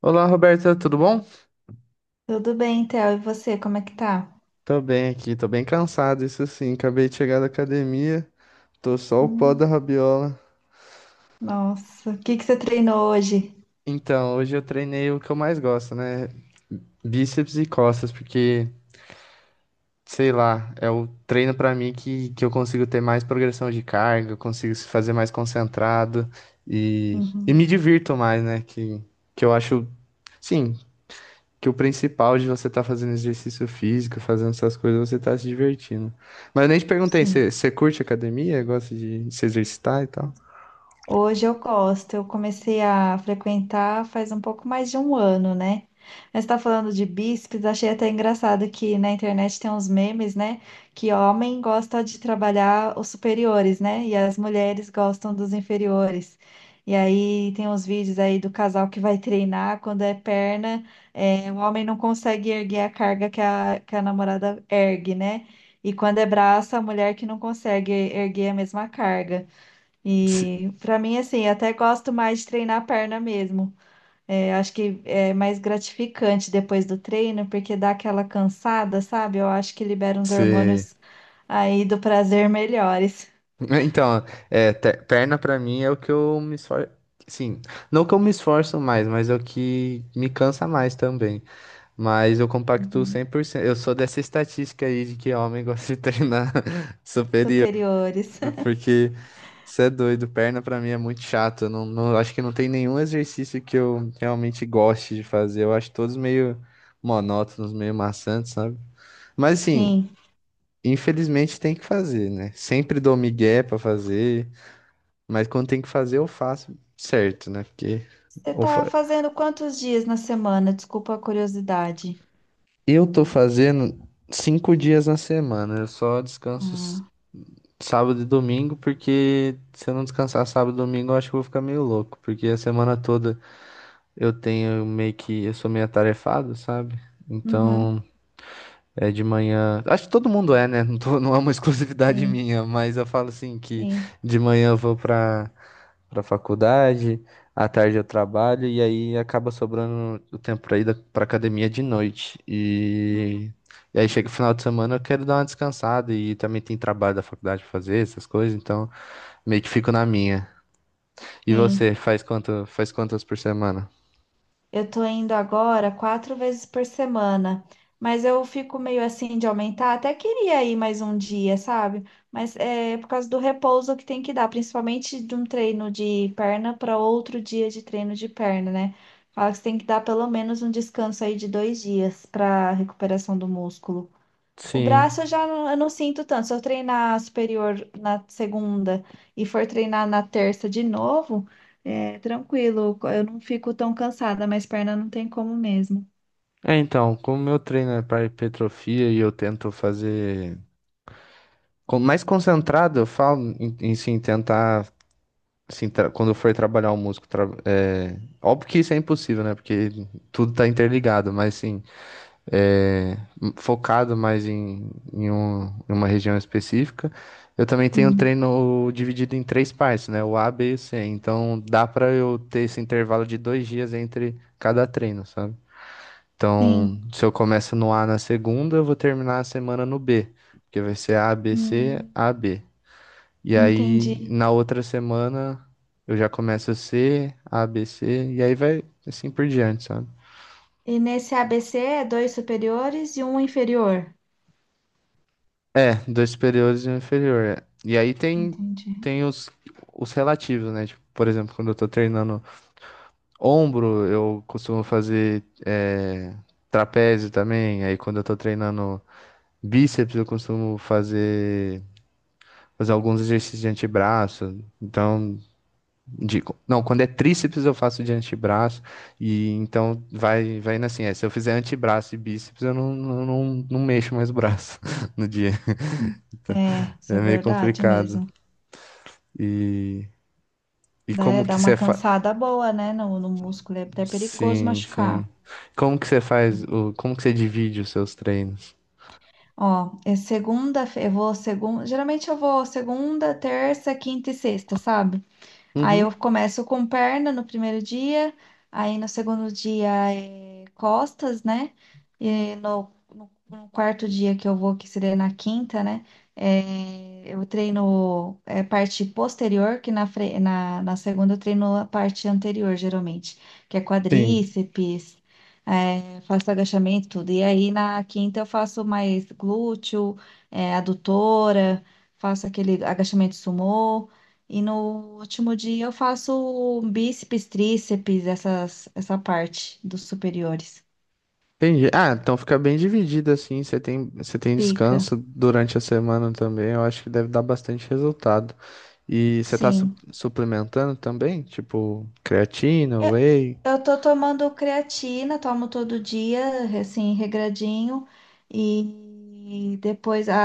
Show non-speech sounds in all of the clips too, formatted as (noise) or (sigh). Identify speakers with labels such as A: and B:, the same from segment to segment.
A: Olá, Roberta, tudo bom?
B: Tudo bem, Theo? E você, como é que tá?
A: Tô bem aqui, tô bem cansado, isso sim. Acabei de chegar da academia, tô só o pó
B: Hum,
A: da rabiola.
B: nossa, o que que você treinou hoje?
A: Então, hoje eu treinei o que eu mais gosto, né? Bíceps e costas, porque, sei lá, é o treino pra mim que eu consigo ter mais progressão de carga, eu consigo se fazer mais concentrado e
B: Uhum,
A: me divirto mais, né? Que eu acho, sim, que o principal de você estar fazendo exercício físico, fazendo essas coisas, você tá se divertindo. Mas eu nem te perguntei,
B: sim.
A: você curte academia? Gosta de se exercitar e tal?
B: Hoje eu gosto, eu comecei a frequentar faz um pouco mais de um ano, né? Mas tá falando de bíceps, achei até engraçado que na internet tem uns memes, né? Que homem gosta de trabalhar os superiores, né? E as mulheres gostam dos inferiores. E aí tem uns vídeos aí do casal que vai treinar, quando é perna, é, o homem não consegue erguer a carga que que a namorada ergue, né? E quando é braço, a mulher que não consegue erguer a mesma carga.
A: Se-
B: E para mim, assim, eu até gosto mais de treinar a perna mesmo. É, acho que é mais gratificante depois do treino, porque dá aquela cansada, sabe? Eu acho que libera uns
A: se-
B: hormônios aí do prazer melhores,
A: Então, é, perna pra mim é o que eu me esforço. Sim, não que eu me esforço mais, mas é o que me cansa mais também. Mas eu compactuo
B: uhum,
A: 100%. Eu sou dessa estatística aí de que homem gosta de treinar (laughs) superior.
B: superiores. (laughs)
A: Porque você é doido, perna pra mim é muito chato. Eu acho que não tem nenhum exercício que eu realmente goste de fazer. Eu acho todos meio monótonos, meio maçantes, sabe? Mas assim,
B: Sim.
A: infelizmente tem que fazer, né? Sempre dou migué pra fazer, mas quando tem que fazer eu faço certo, né? Porque
B: Você
A: eu
B: tá
A: fa-
B: fazendo quantos dias na semana? Desculpa a curiosidade.
A: eu tô fazendo 5 dias na semana. Eu só descanso
B: Ah,
A: sábado e domingo, porque se eu não descansar sábado e domingo, eu acho que eu vou ficar meio louco, porque a semana toda. Eu tenho meio que, eu sou meio atarefado, sabe?
B: uhum,
A: Então, é de manhã, acho que todo mundo é, né? Não é uma (laughs) exclusividade
B: sim,
A: minha, mas eu falo assim que
B: sim,
A: de manhã eu vou pra faculdade, à tarde eu trabalho e aí acaba sobrando o tempo pra ir pra academia de noite.
B: uhum,
A: E aí chega o final de semana, eu quero dar uma descansada e também tem trabalho da faculdade pra fazer, essas coisas, então meio que fico na minha. E
B: sim.
A: você, faz quantas por semana?
B: Eu tô indo agora quatro vezes por semana, mas eu fico meio assim de aumentar. Até queria ir mais um dia, sabe? Mas é por causa do repouso que tem que dar, principalmente de um treino de perna para outro dia de treino de perna, né? Fala que você tem que dar pelo menos um descanso aí de 2 dias para recuperação do músculo. O
A: Sim.
B: braço eu já não, eu não sinto tanto. Se eu treinar superior na segunda e for treinar na terça de novo, é tranquilo, eu não fico tão cansada, mas perna não tem como mesmo.
A: É, então, como meu treino é para hipertrofia e eu tento fazer mais concentrado, eu falo em sim tentar assim, quando eu for trabalhar o músculo, é, óbvio que isso é impossível, né? Porque tudo tá interligado, mas sim, é, focado mais em em uma região específica. Eu também tenho
B: Hum,
A: treino dividido em três partes, né? O A, B e o C. Então dá para eu ter esse intervalo de 2 dias entre cada treino, sabe? Então,
B: sim,
A: se eu começo no A na segunda, eu vou terminar a semana no B, porque vai ser A, B, C,
B: Hum,
A: A, B. E aí,
B: entendi.
A: na outra semana, eu já começo C, A, B, C, e aí vai assim por diante, sabe?
B: E nesse ABC é dois superiores e um inferior.
A: É, dois superiores e um inferior. É. E aí tem,
B: Entendi.
A: tem os relativos, né? Tipo, por exemplo, quando eu tô treinando ombro, eu costumo fazer é, trapézio também. Aí quando eu tô treinando bíceps, eu costumo fazer alguns exercícios de antebraço. Então, de- não, quando é tríceps eu faço de antebraço. E então vai indo assim. É, se eu fizer antebraço e bíceps, eu não mexo mais o braço (laughs) no dia.
B: Hum.
A: Então,
B: É, isso é
A: é meio
B: verdade
A: complicado.
B: mesmo.
A: E, e
B: Dá,
A: como
B: dá
A: que
B: uma
A: você faz?
B: cansada boa, né? No, no músculo é até perigoso
A: Sim, sim.
B: machucar.
A: Como que você faz? O, como que você divide os seus treinos?
B: Ó, é segunda, eu vou segunda, geralmente eu vou segunda, terça, quinta e sexta, sabe? Aí eu
A: Uhum.
B: começo com perna no primeiro dia, aí no segundo dia é costas, né? E no quarto dia que eu vou, que seria na quinta, né? É, eu treino é, parte posterior, que na segunda eu treino a parte anterior, geralmente, que é
A: Sim.
B: quadríceps, é, faço agachamento, tudo. E aí na quinta eu faço mais glúteo, é, adutora, faço aquele agachamento sumô. E no último dia eu faço bíceps, tríceps, essas, essa parte dos superiores.
A: Entendi. Ah, então fica bem dividido assim. Você tem
B: Fica,
A: descanso durante a semana também. Eu acho que deve dar bastante resultado. E você tá
B: sim.
A: suplementando também? Tipo, creatina,
B: É,
A: whey?
B: eu tô tomando creatina, tomo todo dia, assim, regradinho. E depois a,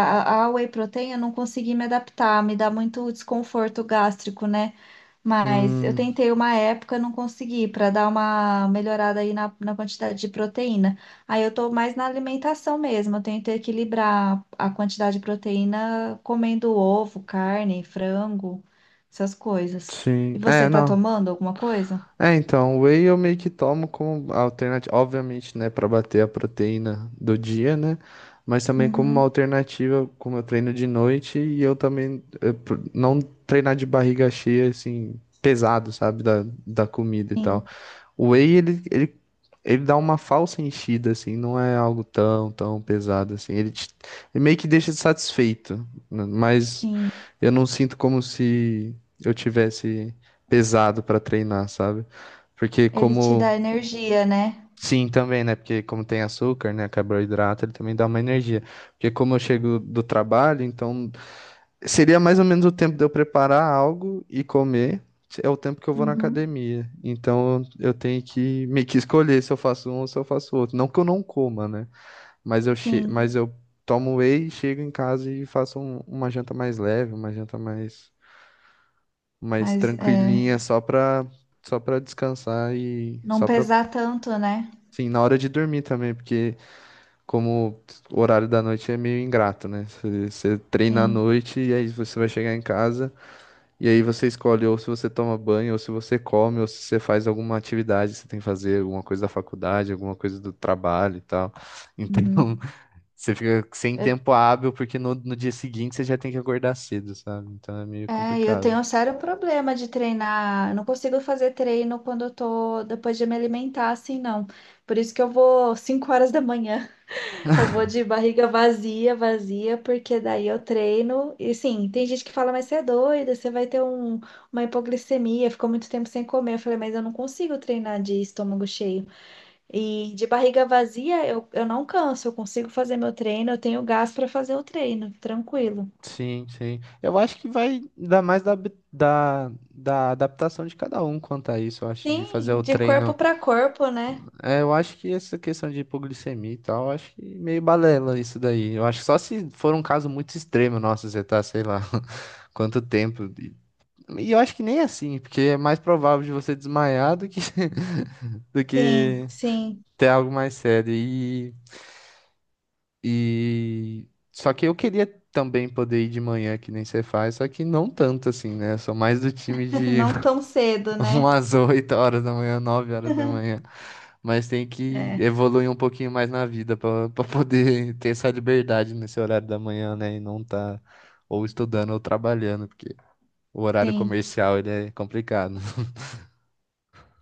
B: a a whey protein eu não consegui me adaptar, me dá muito desconforto gástrico, né? Mas eu
A: Hum,
B: tentei uma época, não consegui, para dar uma melhorada aí na quantidade de proteína. Aí eu tô mais na alimentação mesmo, eu tento equilibrar a quantidade de proteína comendo ovo, carne, frango, essas coisas. E
A: sim.
B: você
A: É,
B: tá
A: não.
B: tomando alguma coisa?
A: É, então, whey eu meio que tomo como alternativa. Obviamente, né, pra bater a proteína do dia, né? Mas também como uma
B: Uhum.
A: alternativa, como eu treino de noite e eu também não treinar de barriga cheia, assim, pesado, sabe, da comida e tal.
B: Sim,
A: O whey, ele dá uma falsa enchida, assim, não é algo tão pesado, assim. Ele, ele meio que deixa satisfeito, né? Mas
B: sim.
A: eu não sinto como se eu tivesse pesado para treinar, sabe? Porque
B: Ele te
A: como...
B: dá energia, né?
A: Sim, também, né? Porque como tem açúcar, né? Carboidrato, ele também dá uma energia. Porque como eu chego do trabalho, então seria mais ou menos o tempo de eu preparar algo e comer, é o tempo que eu vou na
B: Uhum,
A: academia. Então eu tenho que meio que escolher se eu faço um ou se eu faço outro. Não que eu não coma, né? Mas eu, che
B: sim.
A: mas eu tomo whey, chego em casa e faço uma janta mais leve, uma janta mais, mais
B: Mas é,
A: tranquilinha, só pra descansar e
B: não
A: só pra,
B: pesar tanto, né?
A: sim, na hora de dormir também, porque como o horário da noite é meio ingrato, né? Você treina à
B: Sim.
A: noite e aí você vai chegar em casa. E aí você escolhe ou se você toma banho, ou se você come, ou se você faz alguma atividade, que você tem que fazer alguma coisa da faculdade, alguma coisa do trabalho e tal.
B: Uhum.
A: Então, (laughs) você fica sem tempo hábil, porque no dia seguinte você já tem que acordar cedo, sabe? Então é meio
B: É, eu tenho
A: complicado.
B: um sério problema de treinar. Eu não consigo fazer treino quando eu tô depois de me alimentar, assim, não. Por isso que eu vou 5 horas da manhã. (laughs) Eu vou de barriga vazia, vazia, porque daí eu treino. E sim, tem gente que fala, mas você é doida, você vai ter uma hipoglicemia, ficou muito tempo sem comer. Eu falei, mas eu não consigo treinar de estômago cheio. E de barriga vazia, eu não canso, eu consigo fazer meu treino, eu tenho gás para fazer o treino, tranquilo.
A: Sim, sim. Eu acho que vai dar mais da adaptação de cada um quanto a isso, eu acho, de fazer
B: Sim,
A: o
B: de corpo
A: treino.
B: para corpo, né?
A: É, eu acho que essa questão de hipoglicemia e tal, eu acho que meio balela isso daí. Eu acho que só se for um caso muito extremo, nossa, você tá, sei lá, (laughs) quanto tempo. E eu acho que nem é assim, porque é mais provável de você desmaiar do que, (laughs) do
B: Sim,
A: que
B: sim.
A: ter algo mais sério. E... Só que eu queria também poder ir de manhã, que nem você faz, só que não tanto assim, né? Eu sou mais do time
B: (laughs)
A: de
B: Não tão cedo,
A: (laughs)
B: né?
A: umas 8 horas da manhã, 9 horas da manhã. Mas tem que
B: É,
A: evoluir um pouquinho mais na vida para (laughs) poder ter essa liberdade nesse horário da manhã, né? E não tá ou estudando ou trabalhando, porque o horário
B: sim.
A: comercial ele é complicado.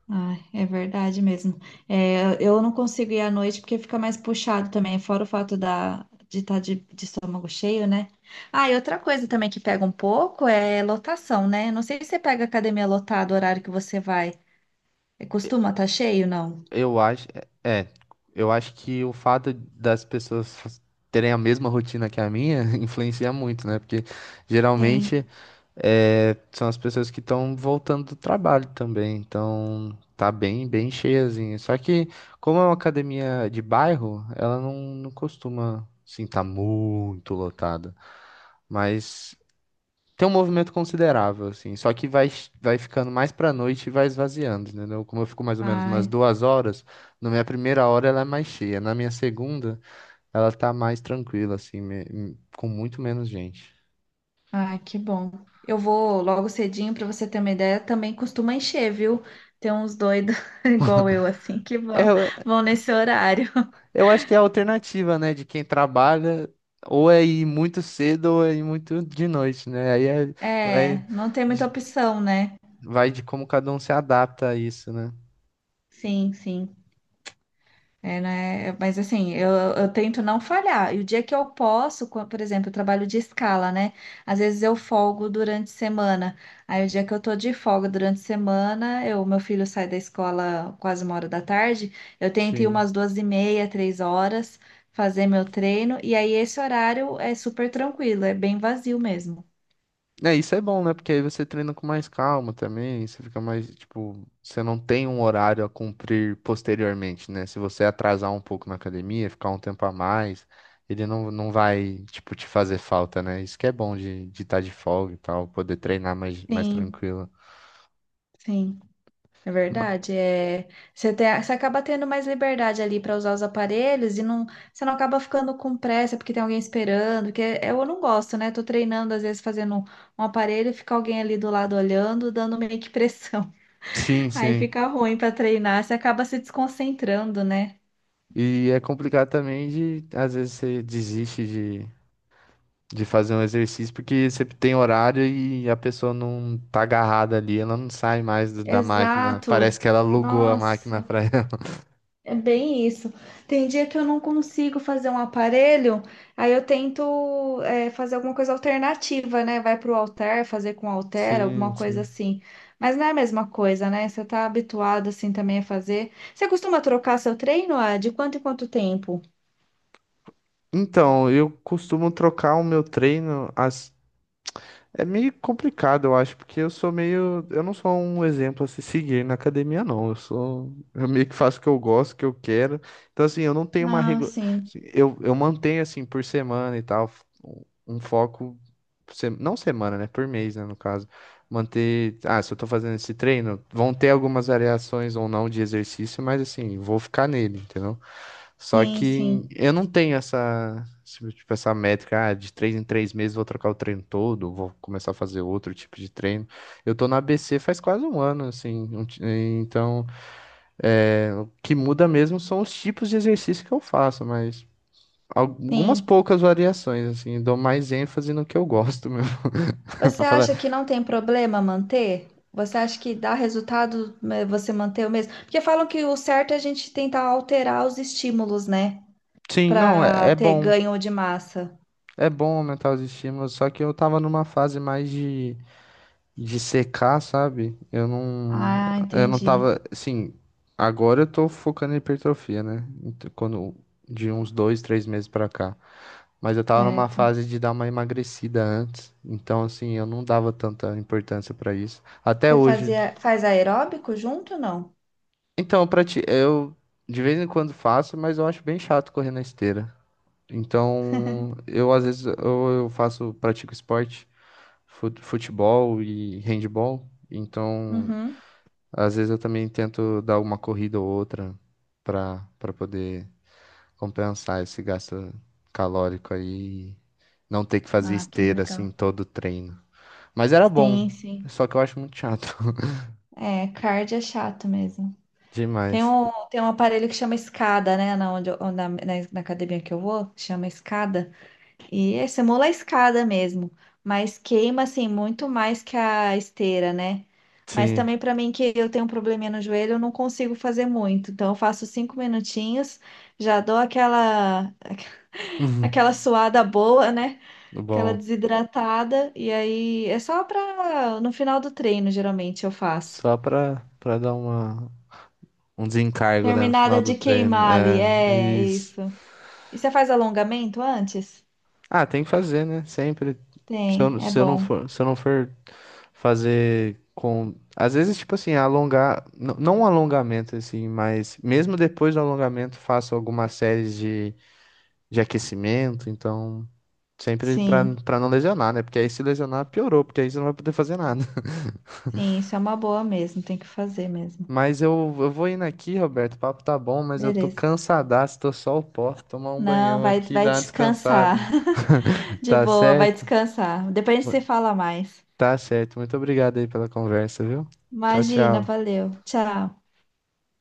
B: Ai, é verdade mesmo. É, eu não consigo ir à noite porque fica mais puxado também, fora o fato de estar de estômago cheio, né? Ah, e outra coisa também que pega um pouco é lotação, né? Não sei se você pega academia lotada o horário que você vai. É, costuma estar cheio, não?
A: Eu acho, é, eu acho que o fato das pessoas terem a mesma rotina que a minha (laughs) influencia muito, né? Porque geralmente
B: Sim.
A: é, são as pessoas que estão voltando do trabalho também, então tá bem cheiazinho. Só que, como é uma academia de bairro, ela não costuma, assim, tá muito lotada. Mas tem um movimento considerável, assim. Só que vai ficando mais pra noite e vai esvaziando, entendeu? Como eu fico mais ou menos umas
B: Ai,
A: 2 horas, na minha primeira hora ela é mais cheia, na minha segunda ela tá mais tranquila, assim, com muito menos gente.
B: Ai, que bom. Eu vou logo cedinho para você ter uma ideia. Também costuma encher, viu? Tem uns doidos (laughs) igual eu, assim, que vão,
A: É,
B: vão nesse horário. (laughs)
A: eu acho que é a alternativa, né, de quem trabalha, ou é ir muito cedo ou é ir muito de noite, né?
B: É,
A: Vai,
B: não tem muita
A: de-
B: opção, né?
A: vai de como cada um se adapta a isso, né?
B: Sim, sim. É, né? Mas assim, eu tento não falhar. E o dia que eu posso, por exemplo, eu trabalho de escala, né? Às vezes eu folgo durante a semana. Aí o dia que eu tô de folga durante a semana, meu filho sai da escola quase 1 hora da tarde, eu tento ir
A: Sim.
B: umas 2h30, 3 horas, fazer meu treino. E aí esse horário é super tranquilo, é bem vazio mesmo.
A: É, isso é bom, né? Porque aí você treina com mais calma também, você fica mais, tipo, você não tem um horário a cumprir posteriormente, né? Se você atrasar um pouco na academia, ficar um tempo a mais, ele não vai, tipo, te fazer falta, né? Isso que é bom de estar tá de folga e tal, poder treinar mais, mais
B: Sim,
A: tranquilo.
B: sim. É
A: Ma-
B: verdade, é, você acaba tendo mais liberdade ali para usar os aparelhos e não, você não acaba ficando com pressa porque tem alguém esperando, que eu não gosto, né? Tô treinando, às vezes fazendo um aparelho, e fica alguém ali do lado olhando, dando meio que pressão. (laughs)
A: Sim,
B: Aí
A: sim.
B: fica ruim para treinar, você acaba se desconcentrando, né?
A: E é complicado também de, às vezes, você desiste de fazer um exercício porque você tem horário e a pessoa não tá agarrada ali, ela não sai mais da máquina.
B: Exato.
A: Parece que ela alugou a máquina
B: Nossa.
A: pra ela. (laughs)
B: É bem isso. Tem dia que eu não consigo fazer um aparelho, aí eu tento fazer alguma coisa alternativa, né? Vai para o halter, fazer com halter,
A: Sim,
B: alguma coisa
A: sim.
B: assim. Mas não é a mesma coisa, né? Você tá habituado assim também a fazer. Você costuma trocar seu treino, ah, de quanto em quanto tempo?
A: Então, eu costumo trocar o meu treino, as é meio complicado, eu acho, porque eu sou meio. Eu não sou um exemplo a se seguir na academia, não. Eu sou. Eu meio que faço o que eu gosto, o que eu quero. Então, assim, eu não tenho uma
B: Ah,
A: regra.
B: sim,
A: Assim, eu mantenho, assim, por semana e tal, um foco. Não semana, né? Por mês, né? No caso. Manter. Ah, se eu tô fazendo esse treino, vão ter algumas variações ou não de exercício, mas, assim, vou ficar nele, entendeu? Só
B: sim,
A: que
B: sim,
A: eu não tenho essa, essa métrica, ah, de três em três meses vou trocar o treino todo, vou começar a fazer outro tipo de treino. Eu tô na ABC faz quase 1 ano, assim, então é, o que muda mesmo são os tipos de exercício que eu faço, mas algumas
B: sim.
A: poucas variações, assim, dou mais ênfase no que eu gosto mesmo, (laughs) pra
B: Você
A: falar.
B: acha que não tem problema manter? Você acha que dá resultado, né, você manter o mesmo? Porque falam que o certo é a gente tentar alterar os estímulos, né?
A: Sim, não, é,
B: Para ter ganho de massa.
A: é bom aumentar os estímulos, só que eu tava numa fase mais de secar, sabe?
B: Ah,
A: Eu não
B: entendi.
A: tava, assim, agora eu tô focando em hipertrofia, né? Quando, de uns dois, 3 meses pra cá. Mas eu tava numa
B: Certo.
A: fase de dar uma emagrecida antes, então assim, eu não dava tanta importância pra isso. Até
B: Você
A: hoje.
B: fazia, faz aeróbico junto, não?
A: Então, pra ti, eu de vez em quando faço, mas eu acho bem chato correr na esteira. Então, eu às vezes eu faço, pratico esporte, futebol e handball. Então,
B: Uhum.
A: às vezes eu também tento dar uma corrida ou outra para poder compensar esse gasto calórico aí, e não ter que fazer
B: Ah, que
A: esteira assim
B: legal.
A: todo o treino. Mas era bom,
B: Sim, sim.
A: só que eu acho muito chato (laughs)
B: É, cardio é chato mesmo. Tem
A: demais.
B: um, tem um aparelho que chama escada, né? Na, onde, eu- na, na na academia que eu vou, chama escada. E é semola a escada mesmo, mas queima assim muito mais que a esteira, né? Mas
A: Sim.
B: também para mim que eu tenho um probleminha no joelho, eu não consigo fazer muito. Então eu faço cinco minutinhos, já dou aquela (laughs) aquela
A: (laughs)
B: suada boa, né? Aquela
A: Bom,
B: desidratada e aí é só para no final do treino geralmente eu faço.
A: só para dar uma um desencargo, né, no
B: Terminada
A: final do
B: de
A: treino.
B: queimar ali,
A: É,
B: é
A: isso.
B: isso. E você faz alongamento antes?
A: Ah, tem que fazer, né? Sempre.
B: Tem, é bom.
A: Se eu não for fazer com. Às vezes, tipo assim, alongar. Não um alongamento, assim, mas mesmo depois do alongamento, faço algumas séries de aquecimento. Então,
B: Sim.
A: pra não lesionar, né? Porque aí se lesionar, piorou, porque aí você não vai poder fazer nada. (laughs)
B: Sim, isso é uma boa mesmo, tem que fazer mesmo.
A: Mas eu vou indo aqui, Roberto. O papo tá bom, mas eu tô
B: Beleza.
A: cansadaço, tô só o pó. Tomar um
B: Não,
A: banhão
B: vai,
A: aqui,
B: vai
A: dar uma descansada.
B: descansar. (laughs) De
A: Tá
B: boa, vai
A: certo?
B: descansar. Depois a gente se fala mais.
A: Tá certo. Muito obrigado aí pela conversa, viu? Tchau,
B: Imagina,
A: tchau.
B: valeu. Tchau.